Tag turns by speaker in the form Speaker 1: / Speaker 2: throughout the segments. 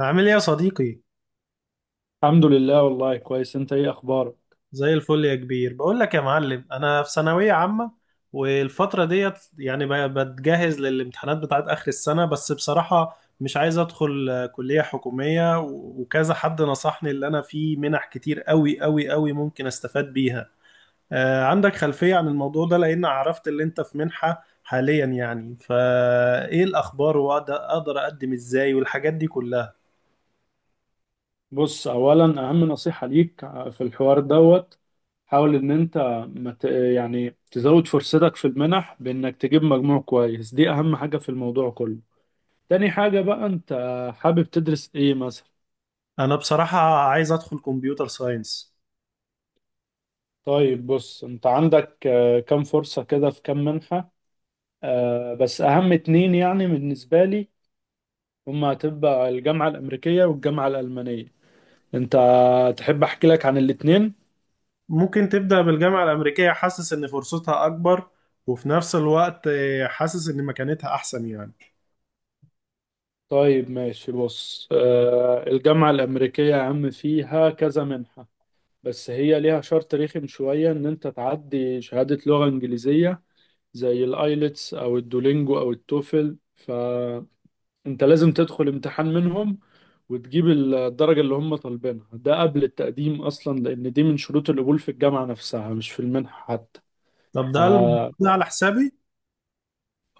Speaker 1: عامل ايه يا صديقي؟
Speaker 2: الحمد لله والله كويس. انت ايه اخبارك؟
Speaker 1: زي الفل يا كبير. بقول لك يا معلم، انا في ثانويه عامه والفتره ديت بتجهز للامتحانات بتاعت اخر السنه، بس بصراحه مش عايز ادخل كليه حكوميه وكذا حد نصحني اللي انا في منح كتير قوي قوي قوي ممكن استفاد بيها. عندك خلفيه عن الموضوع ده؟ لان عرفت اللي انت في منحه حاليا، يعني فايه الاخبار، واقدر اقدم ازاي والحاجات دي كلها؟
Speaker 2: بص، اولا اهم نصيحة ليك في الحوار دوت، حاول ان انت مت يعني تزود فرصتك في المنح بانك تجيب مجموع كويس. دي اهم حاجة في الموضوع كله. تاني حاجة بقى، انت حابب تدرس ايه مثلا؟
Speaker 1: انا بصراحه عايز ادخل كمبيوتر ساينس.
Speaker 2: طيب بص، انت عندك كام فرصة كده، في كام منحة. بس اهم اتنين يعني بالنسبة لي، هما هتبقى الجامعة الامريكية والجامعة الالمانية. انت تحب احكي لك عن الاتنين؟
Speaker 1: ممكن تبدأ بالجامعة الأمريكية؟ حاسس إن فرصتها أكبر، وفي نفس الوقت حاسس إن مكانتها أحسن يعني.
Speaker 2: طيب ماشي. بص الجامعة الأمريكية يا عم فيها كذا منحة، بس هي ليها شرط رخم شوية إن أنت تعدي شهادة لغة إنجليزية زي الآيلتس أو الدولينجو أو التوفل. فأنت لازم تدخل امتحان منهم وتجيب الدرجة اللي هم طالبينها، ده قبل التقديم أصلا، لأن دي من شروط القبول في الجامعة نفسها مش في المنحة حتى.
Speaker 1: طب
Speaker 2: ف
Speaker 1: ده ده على حسابي؟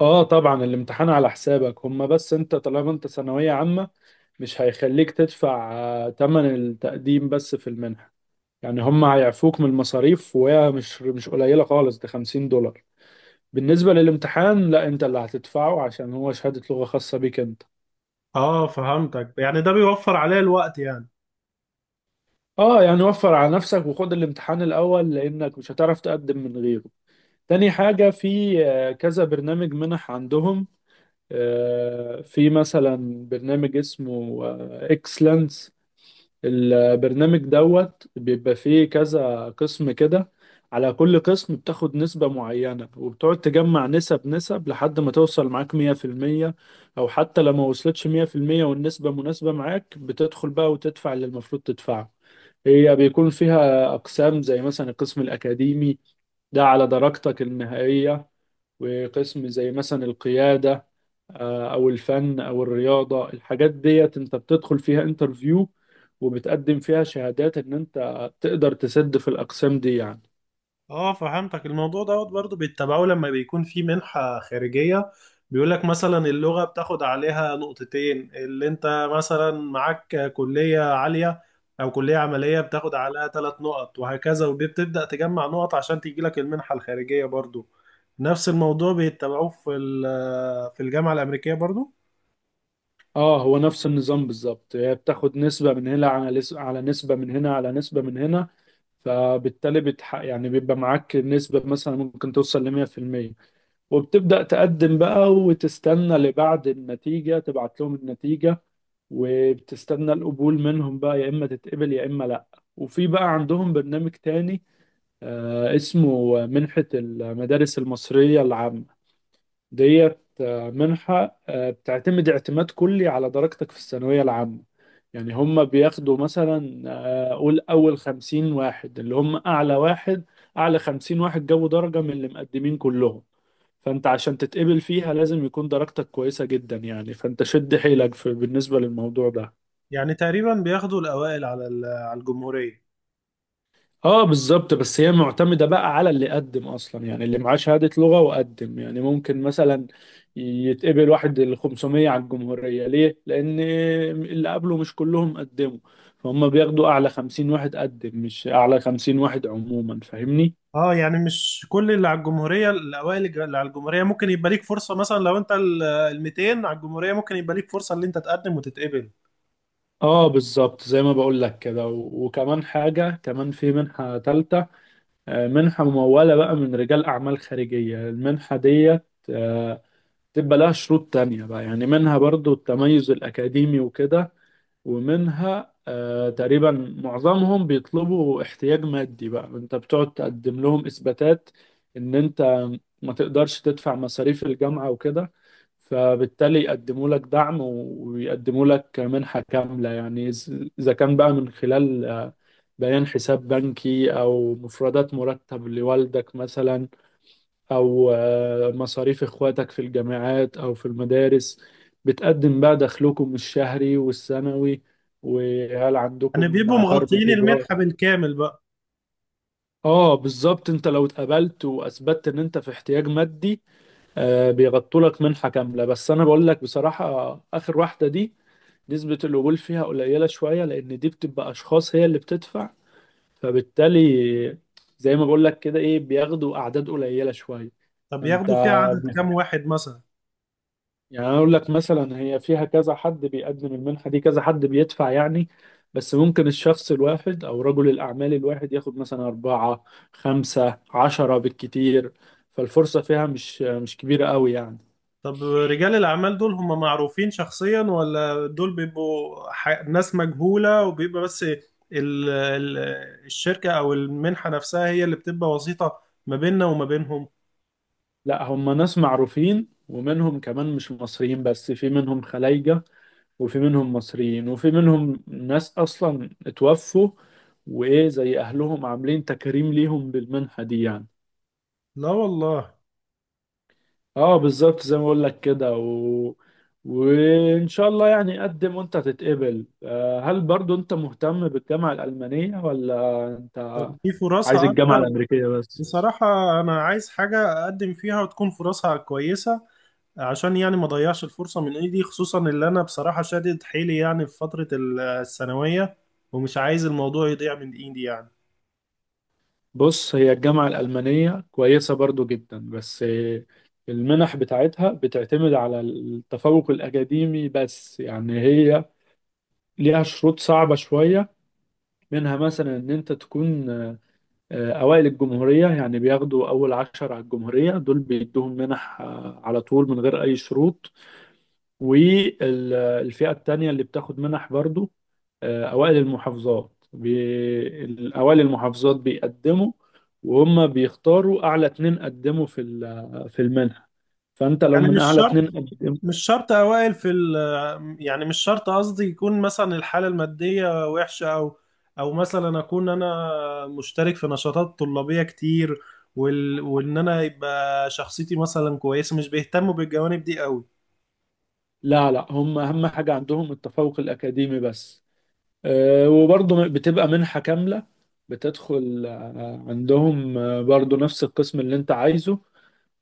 Speaker 2: آه، طبعا الامتحان على حسابك هم، بس أنت طالما أنت ثانوية عامة مش هيخليك تدفع تمن التقديم بس في المنحة. يعني هم هيعفوك من المصاريف، وهي مش قليلة خالص، ده $50. بالنسبة للامتحان، لا، انت اللي هتدفعه عشان هو شهادة لغة خاصة بيك انت.
Speaker 1: آه، فهمتك، يعني ده بيوفر عليا الوقت يعني.
Speaker 2: اه يعني وفر على نفسك وخد الامتحان الاول لانك مش هتعرف تقدم من غيره. تاني حاجة، في كذا برنامج منح عندهم. في مثلا برنامج اسمه اكسلنس. البرنامج دوت بيبقى فيه كذا قسم كده، على كل قسم بتاخد نسبة معينة، وبتقعد تجمع نسب نسب لحد ما توصل معاك 100%. أو حتى لو ما وصلتش 100% والنسبة مناسبة معاك، بتدخل بقى وتدفع اللي المفروض تدفعه. هي بيكون فيها أقسام زي مثلا القسم الأكاديمي، ده على درجتك النهائية، وقسم زي مثلا القيادة او الفن او الرياضة. الحاجات ديت انت بتدخل فيها انترفيو وبتقدم فيها شهادات ان انت تقدر تسد في الاقسام دي يعني.
Speaker 1: اه، فهمتك. الموضوع دوت برضه بيتبعوه لما بيكون في منحة خارجية، بيقولك مثلا اللغة بتاخد عليها نقطتين، اللي انت مثلا معاك كلية عالية او كلية عملية بتاخد عليها ثلاث نقط وهكذا، وبتبدأ تجمع نقط عشان تجيلك المنحة الخارجية. برضه نفس الموضوع بيتبعوه في الجامعة الأمريكية برضه.
Speaker 2: اه هو نفس النظام بالظبط. هي بتاخد نسبة من هنا، على على نسبة من هنا، على نسبة من هنا. فبالتالي يعني بيبقى معاك نسبة مثلا ممكن توصل ل 100%، وبتبدأ تقدم بقى وتستنى لبعد النتيجة تبعت لهم النتيجة، وبتستنى القبول منهم بقى، يا إما تتقبل يا إما لأ. وفي بقى عندهم برنامج تاني اسمه منحة المدارس المصرية العامة. ديت منحة بتعتمد اعتماد كلي على درجتك في الثانوية العامة. يعني هم بياخدوا مثلا قول أول 50 واحد اللي هم أعلى واحد، أعلى 50 واحد جابوا درجة من اللي مقدمين كلهم. فأنت عشان تتقبل فيها لازم يكون درجتك كويسة جدا يعني، فأنت شد حيلك في بالنسبة للموضوع ده.
Speaker 1: يعني تقريبا بياخدوا الأوائل على الجمهورية.
Speaker 2: اه بالظبط، بس هي معتمدة بقى على اللي قدم اصلا. يعني اللي معاه شهادة لغة وقدم، يعني ممكن مثلا يتقبل واحد ال 500 على الجمهورية. ليه؟ لان اللي قبله مش كلهم قدموا. فهم بياخدوا اعلى 50 واحد قدم، مش اعلى 50 واحد عموما، فاهمني؟
Speaker 1: اه، يعني مش كل اللي على الجمهورية الأوائل اللي على الجمهورية ممكن يبقى ليك فرصة، مثلا لو أنت ال 200 على الجمهورية ممكن يبقى ليك فرصة إن أنت تقدم وتتقبل.
Speaker 2: اه بالظبط زي ما بقول لك كده. وكمان حاجة، كمان في منحة تالتة منحة ممولة بقى من رجال اعمال خارجية. المنحة ديت آه، تبقى لها شروط تانية بقى. يعني منها برضو التميز الأكاديمي وكده، ومنها آه تقريبا معظمهم بيطلبوا احتياج مادي. بقى انت بتقعد تقدم لهم إثباتات ان انت ما تقدرش تدفع مصاريف الجامعة وكده، فبالتالي يقدموا لك دعم ويقدموا لك منحة كاملة يعني. إذا كان بقى من خلال بيان حساب بنكي أو مفردات مرتب لوالدك مثلا، أو مصاريف إخواتك في الجامعات أو في المدارس، بتقدم بقى دخلكم الشهري والسنوي، وهل
Speaker 1: يعني
Speaker 2: عندكم
Speaker 1: بيبقوا
Speaker 2: عقار
Speaker 1: مغطيين
Speaker 2: بالإيجار.
Speaker 1: المنحة بالكامل بقى؟
Speaker 2: اه بالظبط، انت لو اتقبلت واثبتت ان انت في احتياج مادي آه بيغطوا لك منحه كامله. بس انا بقول لك بصراحه اخر واحده دي نسبه القبول فيها قليله شويه، لان دي بتبقى اشخاص هي اللي بتدفع، فبالتالي زي ما بقول لك كده ايه بياخدوا اعداد قليله شويه.
Speaker 1: طب
Speaker 2: فانت
Speaker 1: ياخدوا فيها عدد كام واحد مثلا؟
Speaker 2: يعني، أنا أقول لك مثلا هي فيها كذا حد بيقدم المنحة دي، كذا حد بيدفع يعني. بس ممكن الشخص الواحد أو رجل الأعمال الواحد ياخد مثلا أربعة، خمسة، عشرة بالكتير. فالفرصة فيها مش كبيرة قوي يعني.
Speaker 1: طب رجال الأعمال دول هم معروفين شخصيا، ولا دول بيبقوا ناس مجهولة، وبيبقى بس ال الشركة أو المنحة نفسها هي اللي بتبقى وسيطة ما بيننا وما بينهم؟
Speaker 2: لا هم ناس معروفين، ومنهم كمان مش مصريين، بس في منهم خلايجة، وفي منهم مصريين، وفي منهم ناس أصلا اتوفوا وإيه زي أهلهم عاملين تكريم ليهم بالمنحة دي يعني.
Speaker 1: لا والله.
Speaker 2: اه بالظبط زي ما بقول لك كده وان شاء الله يعني قدم وانت تتقبل. هل برضو انت مهتم بالجامعة الألمانية ولا انت
Speaker 1: طب دي
Speaker 2: عايز
Speaker 1: فرصها
Speaker 2: الجامعة
Speaker 1: أكتر؟
Speaker 2: الأمريكية بس؟
Speaker 1: بصراحة أنا عايز حاجة أقدم فيها وتكون فرصها كويسة، عشان يعني ما أضيعش الفرصة من إيدي، خصوصا اللي أنا بصراحة شادد حيلي يعني في فترة الثانوية، ومش عايز الموضوع يضيع من إيدي يعني.
Speaker 2: بص هي الجامعة الألمانية كويسة برضو جدا، بس المنح بتاعتها بتعتمد على التفوق الأكاديمي بس يعني. هي ليها شروط صعبة شوية، منها مثلا ان انت تكون أوائل الجمهورية. يعني بياخدوا أول عشر على الجمهورية، دول بيدوهم منح على طول من غير أي شروط. والفئة التانية اللي بتاخد منح برضو أوائل المحافظات. أوائل المحافظات بيقدموا، وهم بيختاروا أعلى اتنين قدموا في في المنحة. فأنت لو
Speaker 1: يعني
Speaker 2: من
Speaker 1: مش
Speaker 2: أعلى
Speaker 1: شرط
Speaker 2: اتنين قدموا…
Speaker 1: مش شرط أوائل في ال يعني مش شرط قصدي يكون مثلا الحالة المادية وحشة، أو أو مثلا أكون أنا مشترك في نشاطات طلابية كتير، وإن أنا يبقى شخصيتي مثلا كويسة. مش بيهتموا بالجوانب دي أوي؟
Speaker 2: لا لا، هم أهم حاجة عندهم التفوق الأكاديمي بس. وبرضه بتبقى منحة كاملة. بتدخل عندهم برضه نفس القسم اللي انت عايزه.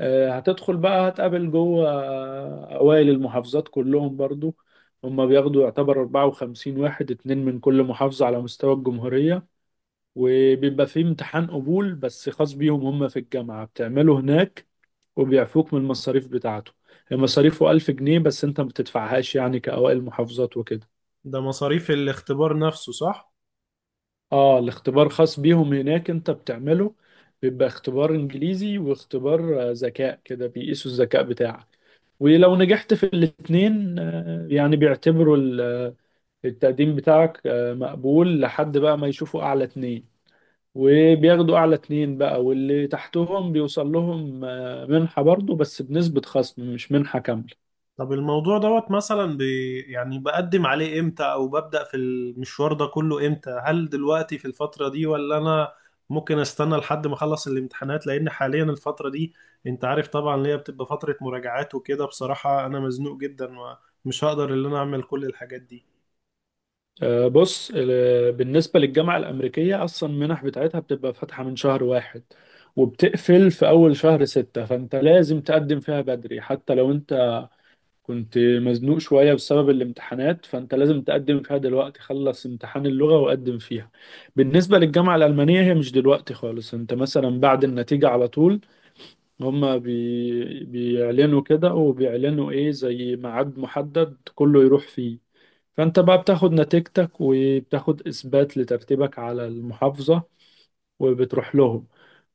Speaker 2: هتدخل بقى، هتقابل جوه أوائل المحافظات كلهم برضه. هما بياخدوا يعتبر 54 واحد، اتنين من كل محافظة على مستوى الجمهورية. وبيبقى فيه امتحان قبول بس خاص بيهم هما في الجامعة، بتعمله هناك، وبيعفوك من المصاريف بتاعته. هي مصاريفه 1000 جنيه، بس انت ما بتدفعهاش يعني كأوائل محافظات وكده.
Speaker 1: ده مصاريف الاختبار نفسه صح؟
Speaker 2: اه الاختبار خاص بيهم هناك انت بتعمله. بيبقى اختبار انجليزي واختبار ذكاء كده، بيقيسوا الذكاء بتاعك. ولو نجحت في الاتنين يعني بيعتبروا التقديم بتاعك مقبول لحد بقى ما يشوفوا اعلى اتنين. وبياخدوا اعلى اتنين بقى، واللي تحتهم بيوصل لهم منحة برضو، بس بنسبة خصم مش منحة كاملة.
Speaker 1: طب الموضوع دوت مثلا بي يعني بقدم عليه امتى، او ببدأ في المشوار ده كله امتى؟ هل دلوقتي في الفترة دي، ولا انا ممكن استنى لحد ما اخلص الامتحانات؟ لان حاليا الفترة دي انت عارف طبعا اللي هي بتبقى فترة مراجعات وكده، بصراحة انا مزنوق جدا ومش هقدر ان انا اعمل كل الحاجات دي.
Speaker 2: بص بالنسبة للجامعة الأمريكية أصلا المنح بتاعتها بتبقى فاتحة من شهر واحد وبتقفل في أول شهر ستة. فأنت لازم تقدم فيها بدري، حتى لو أنت كنت مزنوق شوية بسبب الامتحانات، فأنت لازم تقدم فيها دلوقتي، خلص امتحان اللغة وقدم فيها. بالنسبة للجامعة الألمانية هي مش دلوقتي خالص، أنت مثلا بعد النتيجة على طول. هما بيعلنوا كده وبيعلنوا إيه زي ميعاد محدد كله يروح فيه. فانت بقى بتاخد نتيجتك وبتاخد اثبات لترتيبك على المحافظة وبتروح لهم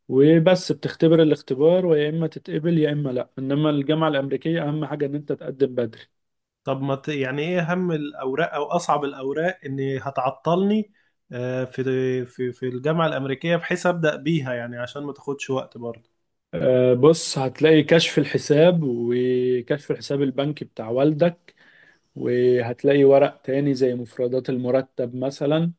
Speaker 2: وبس بتختبر الاختبار، ويا اما تتقبل يا اما لا. انما الجامعة الامريكية اهم حاجة ان انت تقدم بدري.
Speaker 1: طب ما ت... يعني ايه اهم الاوراق او اصعب الاوراق ان هتعطلني آه، في في الجامعة الأمريكية، بحيث أبدأ بيها يعني عشان ما تاخدش وقت برضه؟
Speaker 2: بص هتلاقي كشف الحساب وكشف الحساب البنكي بتاع والدك، وهتلاقي ورق تاني زي مفردات المرتب مثلا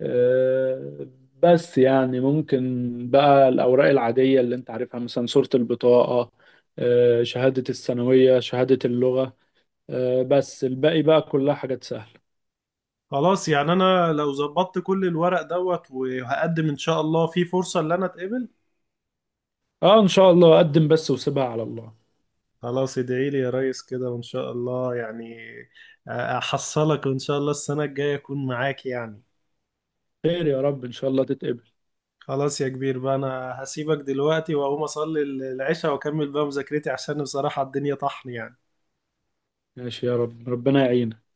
Speaker 2: آه، بس يعني ممكن بقى. الأوراق العادية اللي أنت عارفها مثلا صورة البطاقة شهادة الثانوية، شهادة اللغة بس الباقي بقى كلها حاجات سهلة.
Speaker 1: خلاص يعني انا لو ظبطت كل الورق دوت وهقدم ان شاء الله في فرصة ان انا اتقبل؟
Speaker 2: اه إن شاء الله، أقدم بس وسيبها على الله.
Speaker 1: خلاص، ادعي لي يا ريس كده، وان شاء الله يعني احصلك وان شاء الله السنة الجاية اكون معاك يعني.
Speaker 2: خير يا رب إن شاء الله تتقبل.
Speaker 1: خلاص يا كبير بقى، انا هسيبك دلوقتي واقوم اصلي العشاء واكمل بقى مذاكرتي، عشان بصراحة الدنيا طحن يعني.
Speaker 2: ماشي يا رب ربنا يعينك.